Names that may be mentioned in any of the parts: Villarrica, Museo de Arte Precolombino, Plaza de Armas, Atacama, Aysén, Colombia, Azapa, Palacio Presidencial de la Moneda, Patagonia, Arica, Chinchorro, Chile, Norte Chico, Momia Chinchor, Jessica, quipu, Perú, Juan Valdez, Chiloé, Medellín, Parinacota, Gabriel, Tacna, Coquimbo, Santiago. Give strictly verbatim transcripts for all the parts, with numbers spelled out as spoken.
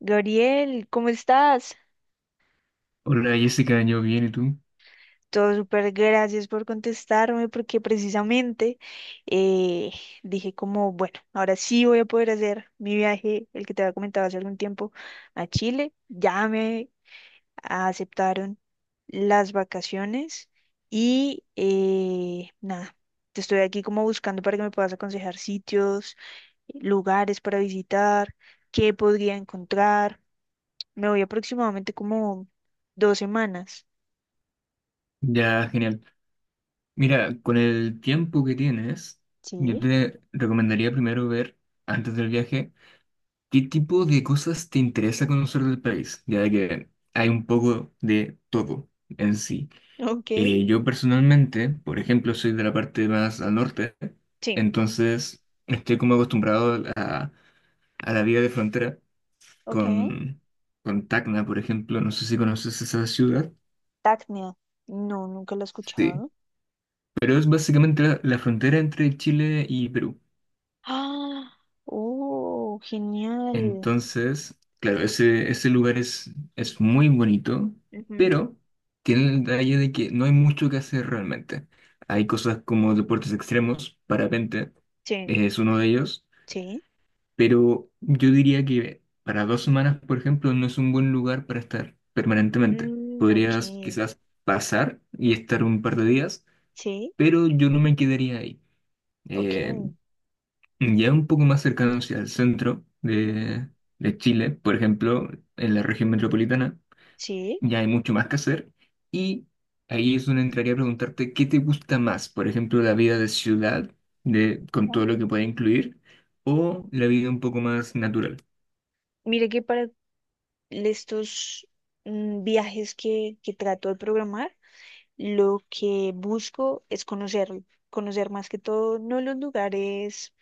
Gabriel, ¿cómo estás? Hola Jessica, yo bien, ¿y tú? Todo súper, gracias por contestarme porque precisamente eh, dije como, bueno, ahora sí voy a poder hacer mi viaje, el que te había comentado hace algún tiempo, a Chile. Ya me aceptaron las vacaciones y eh, nada, te estoy aquí como buscando para que me puedas aconsejar sitios, lugares para visitar, qué podría encontrar. Me voy aproximadamente como dos semanas. Ya, genial. Mira, con el tiempo que tienes, yo Sí, te recomendaría primero ver, antes del viaje, qué tipo de cosas te interesa conocer del país, ya de que hay un poco de todo en sí. ok, Eh, yo personalmente, por ejemplo, soy de la parte más al norte, sí. entonces estoy como acostumbrado a, a la vida de frontera Ok. con, con Tacna, por ejemplo, no sé si conoces esa ciudad. Tacnia. No, nunca lo he Sí. escuchado. Pero es básicamente la, la frontera entre Chile y Perú. Ah, oh, genial. Entonces, claro, ese, ese lugar es, es muy bonito, Ujú, pero tiene el detalle de que no hay mucho que hacer realmente. Hay cosas como deportes extremos, parapente, sí. eh, es uno de ellos, Sí, pero yo diría que para dos semanas, por ejemplo, no es un buen lugar para estar permanentemente. mm, ok, Podrías quizás pasar y estar un par de días, sí, pero yo no me quedaría ahí. Eh, ok. Ya un poco más cercano hacia el centro Ujú, de, de Chile, por ejemplo, en la región metropolitana, sí. ya hay mucho más que hacer. Y ahí es donde entraría a preguntarte qué te gusta más, por ejemplo, la vida de ciudad, de, con Ok. todo lo que puede incluir, o la vida un poco más natural. Mira que para estos mm, viajes que, que trato de programar, lo que busco es conocer, conocer más que todo, no los lugares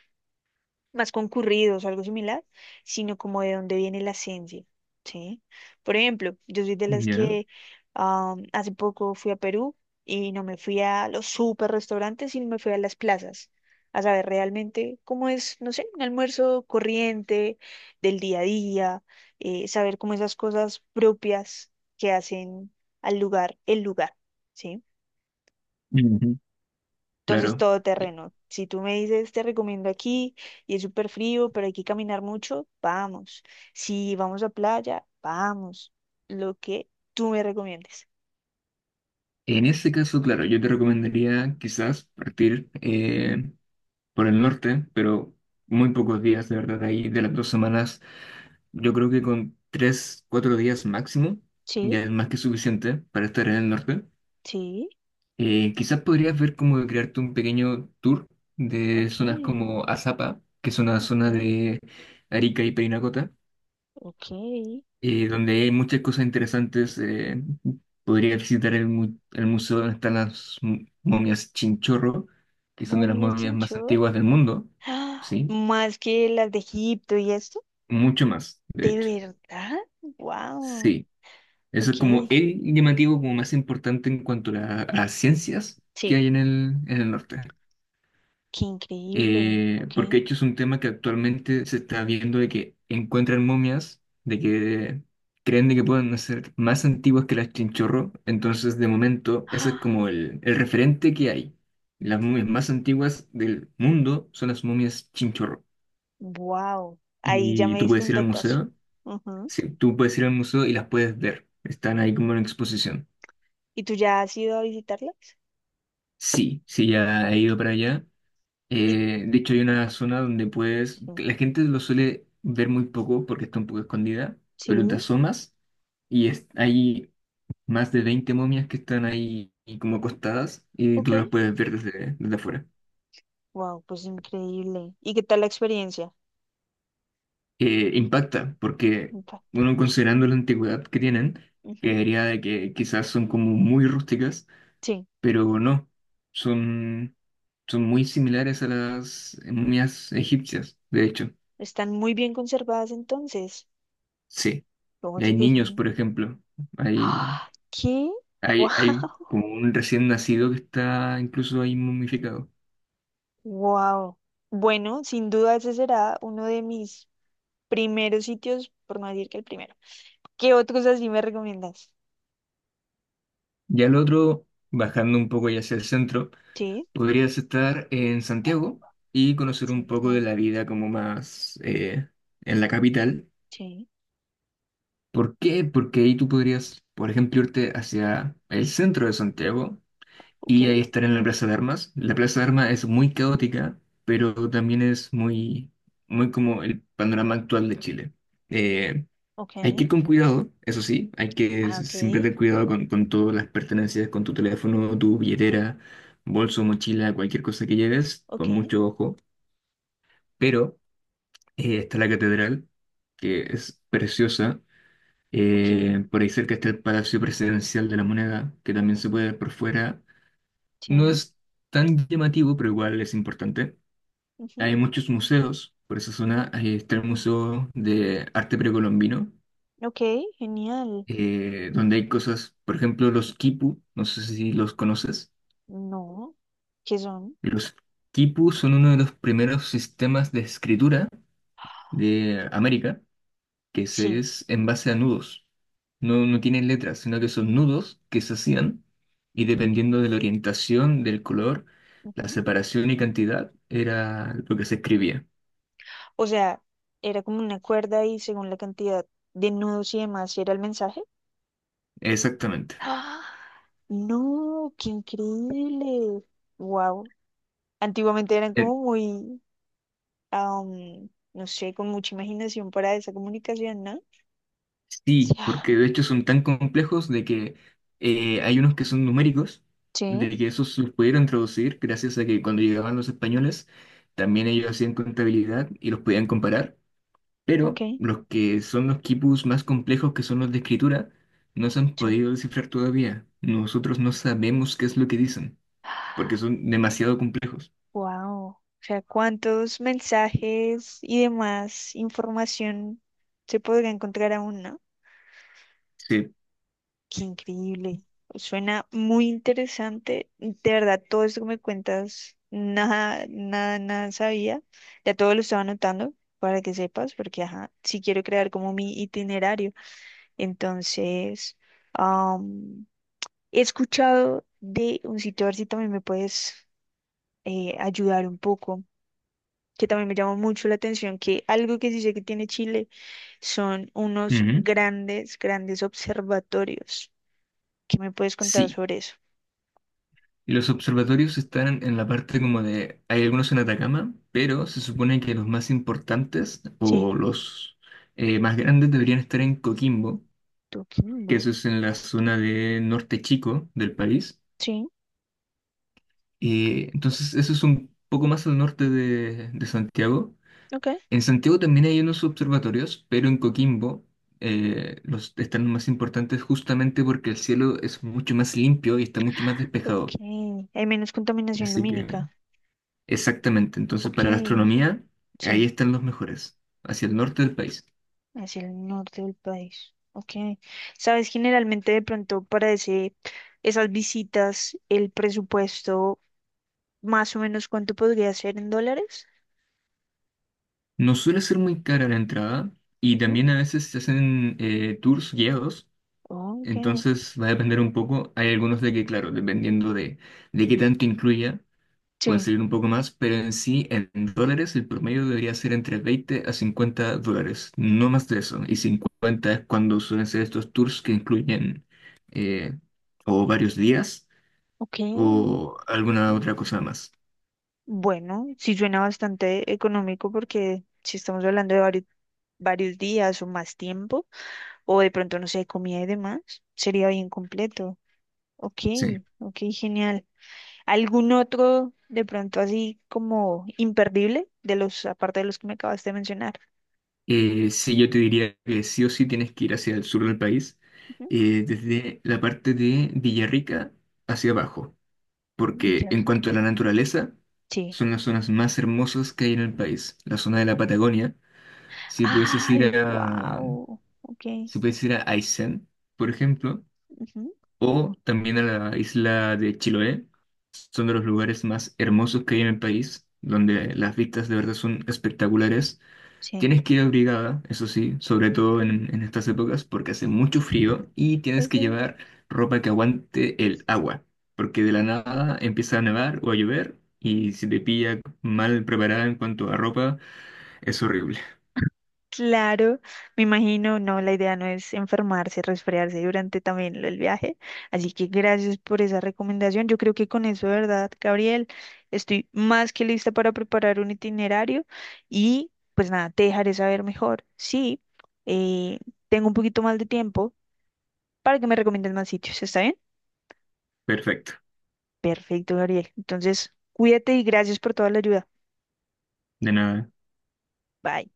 más concurridos o algo similar, sino como de dónde viene la esencia, ¿sí? Por ejemplo, yo soy de las Ya. que am, hace poco fui a Perú y no me fui a los super restaurantes, sino me fui a las plazas, a saber realmente cómo es, no sé, un almuerzo corriente del día a día, eh, saber cómo esas cosas propias que hacen al lugar, el lugar, ¿sí? Ujú. Entonces, Claro. todo Ya. terreno. Si tú me dices, te recomiendo aquí y es súper frío, pero hay que caminar mucho, vamos. Si vamos a playa, vamos. Lo que tú me recomiendes. En ese caso, claro, yo te recomendaría quizás partir eh, por el norte, pero muy pocos días, de verdad, ahí de las dos semanas. Yo creo que con tres, cuatro días máximo Sí, ya es más que suficiente para estar en el norte. sí, Eh, quizás podrías ver cómo de crearte un pequeño tour de ok, zonas como Azapa, que es una ok, zona de Arica y Parinacota, ok. eh, donde hay muchas cosas interesantes. Eh, podrías visitar el, mu- el museo donde están las mu- momias Chinchorro, que son de las Momia momias más Chinchor. antiguas del mundo, ¡Ah! ¿sí? Más que las de Egipto y esto. Mucho más, de ¿De hecho. verdad? ¡Wow! Sí. Eso Ok, es como el llamativo como más importante en cuanto a la- a las ciencias que sí, hay en el, en el norte. qué increíble, Eh, porque ok. de hecho es un tema que actualmente se está viendo de que encuentran momias, de que creen de que pueden ser más antiguas que las chinchorro. Entonces, de momento, ese es como el, el referente que hay. Las momias más antiguas del mundo son las momias chinchorro. ¡Wow! Ahí ya Y me tú diste puedes un ir al datazo. museo, Ujú. sí, tú puedes ir al museo y las puedes ver. Están ahí como en exposición. ¿Y tú ya has ido a visitarlas? Sí, sí, ya he ido para allá. ¿Y Eh, de hecho, hay una zona donde puedes, sí? que la gente lo suele ver muy poco porque está un poco escondida, Sí, pero te asomas y es- hay más de veinte momias que están ahí y como acostadas y ok. tú las puedes ver desde, desde afuera. Wow, pues increíble. ¿Y qué tal la experiencia? Eh, impacta porque, En parte. bueno, considerando la antigüedad que tienen, Ujú, creería de que quizás son como muy rústicas, sí, pero no, son, son muy similares a las momias egipcias, de hecho. están muy bien conservadas entonces. Sí, Oye, hay qué niños, genial. por ejemplo. Hay, ¡Ah! ¿Qué? hay, hay Wow. como un recién nacido que está incluso ahí momificado. Wow. Bueno, sin duda ese será uno de mis primeros sitios, por no decir que el primero. ¿Qué otros así me recomiendas? Ya el otro, bajando un poco ya hacia el centro, Sí, podrías estar en Santiago y conocer un poco de Santiago. la vida como más eh, en la capital. Sí, ¿Por qué? Porque ahí tú podrías, por ejemplo, irte hacia el centro de Santiago ok, y ahí estar en la Plaza de Armas. La Plaza de Armas es muy caótica, pero también es muy, muy como el panorama actual de Chile. Eh, ok. hay que ir con cuidado, eso sí, hay que Ah, s- ok, siempre tener cuidado con, con todas las pertenencias, con tu teléfono, tu billetera, bolso, mochila, cualquier cosa que lleves, con ok, mucho ojo. Pero eh, está la catedral, que es preciosa. ok. Eh, por ahí cerca está el Palacio Presidencial de la Moneda, que también se puede ver por fuera. No Sí. es tan llamativo, pero igual es importante. Ujú. Hay muchos museos, por esa zona ahí está el Museo de Arte Precolombino, Ok, genial. eh, donde hay cosas, por ejemplo, los quipu, no sé si los conoces. No, ¿qué son? Los quipu son uno de los primeros sistemas de escritura de América, que se Sí. es en base a nudos. No, no tienen letras, sino que son nudos que se hacían y dependiendo de la orientación, del color, la Ujú. separación y cantidad, era lo que se escribía. O sea, era como una cuerda y según la cantidad de nudos y demás, ¿sí? Era el mensaje. Exactamente. ¡Ah! No, qué increíble. Wow. Antiguamente eran Eh, como muy, am, no sé, con mucha imaginación para esa comunicación, ¿no? Sí. sí, ah, porque de hecho son tan complejos de que eh, hay unos que son numéricos, Sí, de que esos los pudieron traducir gracias a que cuando llegaban los españoles, también ellos hacían contabilidad y los podían comparar, ok, pero los que son los quipus más complejos, que son los de escritura, no se han sí. podido descifrar todavía. Nosotros no sabemos qué es lo que dicen, porque son demasiado complejos. Wow. O sea, ¿cuántos mensajes y demás información se podría encontrar aún, no? Sí. Qué increíble. Suena muy interesante. De verdad, todo esto que me cuentas, nada, nada, nada sabía. Ya todo lo estaba anotando para que sepas, porque ajá, sí quiero crear como mi itinerario. Entonces, am, he escuchado de un sitio, a ver si también me puedes eh, ayudar un poco que también me llamó mucho la atención, que algo que sí sé que tiene Chile son unos Ujú. grandes, grandes observatorios. ¿Qué me puedes contar Sí, sobre eso? y los observatorios están en la parte como de, hay algunos en Atacama, pero se supone que los más importantes Sí, o los eh, más grandes deberían estar en Coquimbo, que Coquimbo. eso es en la zona de Norte Chico del país. Sí, Eh, entonces eso es un poco más al norte de, de Santiago. ok. En Santiago también hay unos observatorios, pero en Coquimbo eh, los están más importantes justamente porque el cielo es mucho más limpio y está mucho más Ok. despejado. Hay menos contaminación Así que... lumínica. Exactamente, entonces Ok. para la astronomía, ahí Sí, están los mejores, hacia el norte del país. hacia el norte del país. Ok. Sabes, generalmente de pronto para ese, esas visitas, el presupuesto, más o menos ¿cuánto podría ser en dólares? No suele ser muy cara la entrada y Ujú. también a veces se hacen eh, tours guiados, Ok. entonces va a depender un poco. Hay algunos de que, claro, dependiendo de, de qué tanto incluya, pueden Sí, salir un poco más, pero en sí, en dólares, el promedio debería ser entre veinte a cincuenta dólares, no más de eso. Y cincuenta es cuando suelen ser estos tours que incluyen eh, o varios días ok. o alguna otra cosa más. Bueno, sí suena bastante económico porque si estamos hablando de varios, varios días o más tiempo, o de pronto, no sé, comida y demás, sería bien completo. Ok, Sí. ok, genial. ¿Algún otro de pronto así como imperdible de los, aparte de los que me acabaste de mencionar? Eh, sí, yo te diría que sí o sí tienes que ir hacia el sur del país, Ujú. eh, desde la parte de Villarrica hacia abajo, porque en Villarrica. cuanto a la naturaleza, Sí. son las zonas más hermosas que hay en el país. La zona de la Patagonia, si pudieses Ay, ir a, wow. Ok. si pudieses ir a Aysén, por ejemplo, Ujú, o también a la isla de Chiloé, son de los lugares más hermosos que hay en el país, donde las vistas de verdad son espectaculares. sí. Tienes que ir abrigada, eso sí, sobre todo en, en estas épocas, porque hace mucho frío y tienes que Ok. llevar ropa que aguante el agua, porque de la nada empieza a nevar o a llover y si te pilla mal preparada en cuanto a ropa, es horrible. Claro, me imagino, no, la idea no es enfermarse, resfriarse durante también el viaje. Así que gracias por esa recomendación. Yo creo que con eso, ¿verdad, Gabriel? Estoy más que lista para preparar un itinerario y pues nada, te dejaré saber mejor. Sí, eh, tengo un poquito más de tiempo para que me recomiendes más sitios, ¿está bien? Perfecto, Perfecto, Gabriel. Entonces, cuídate y gracias por toda la ayuda. de nada. Bye.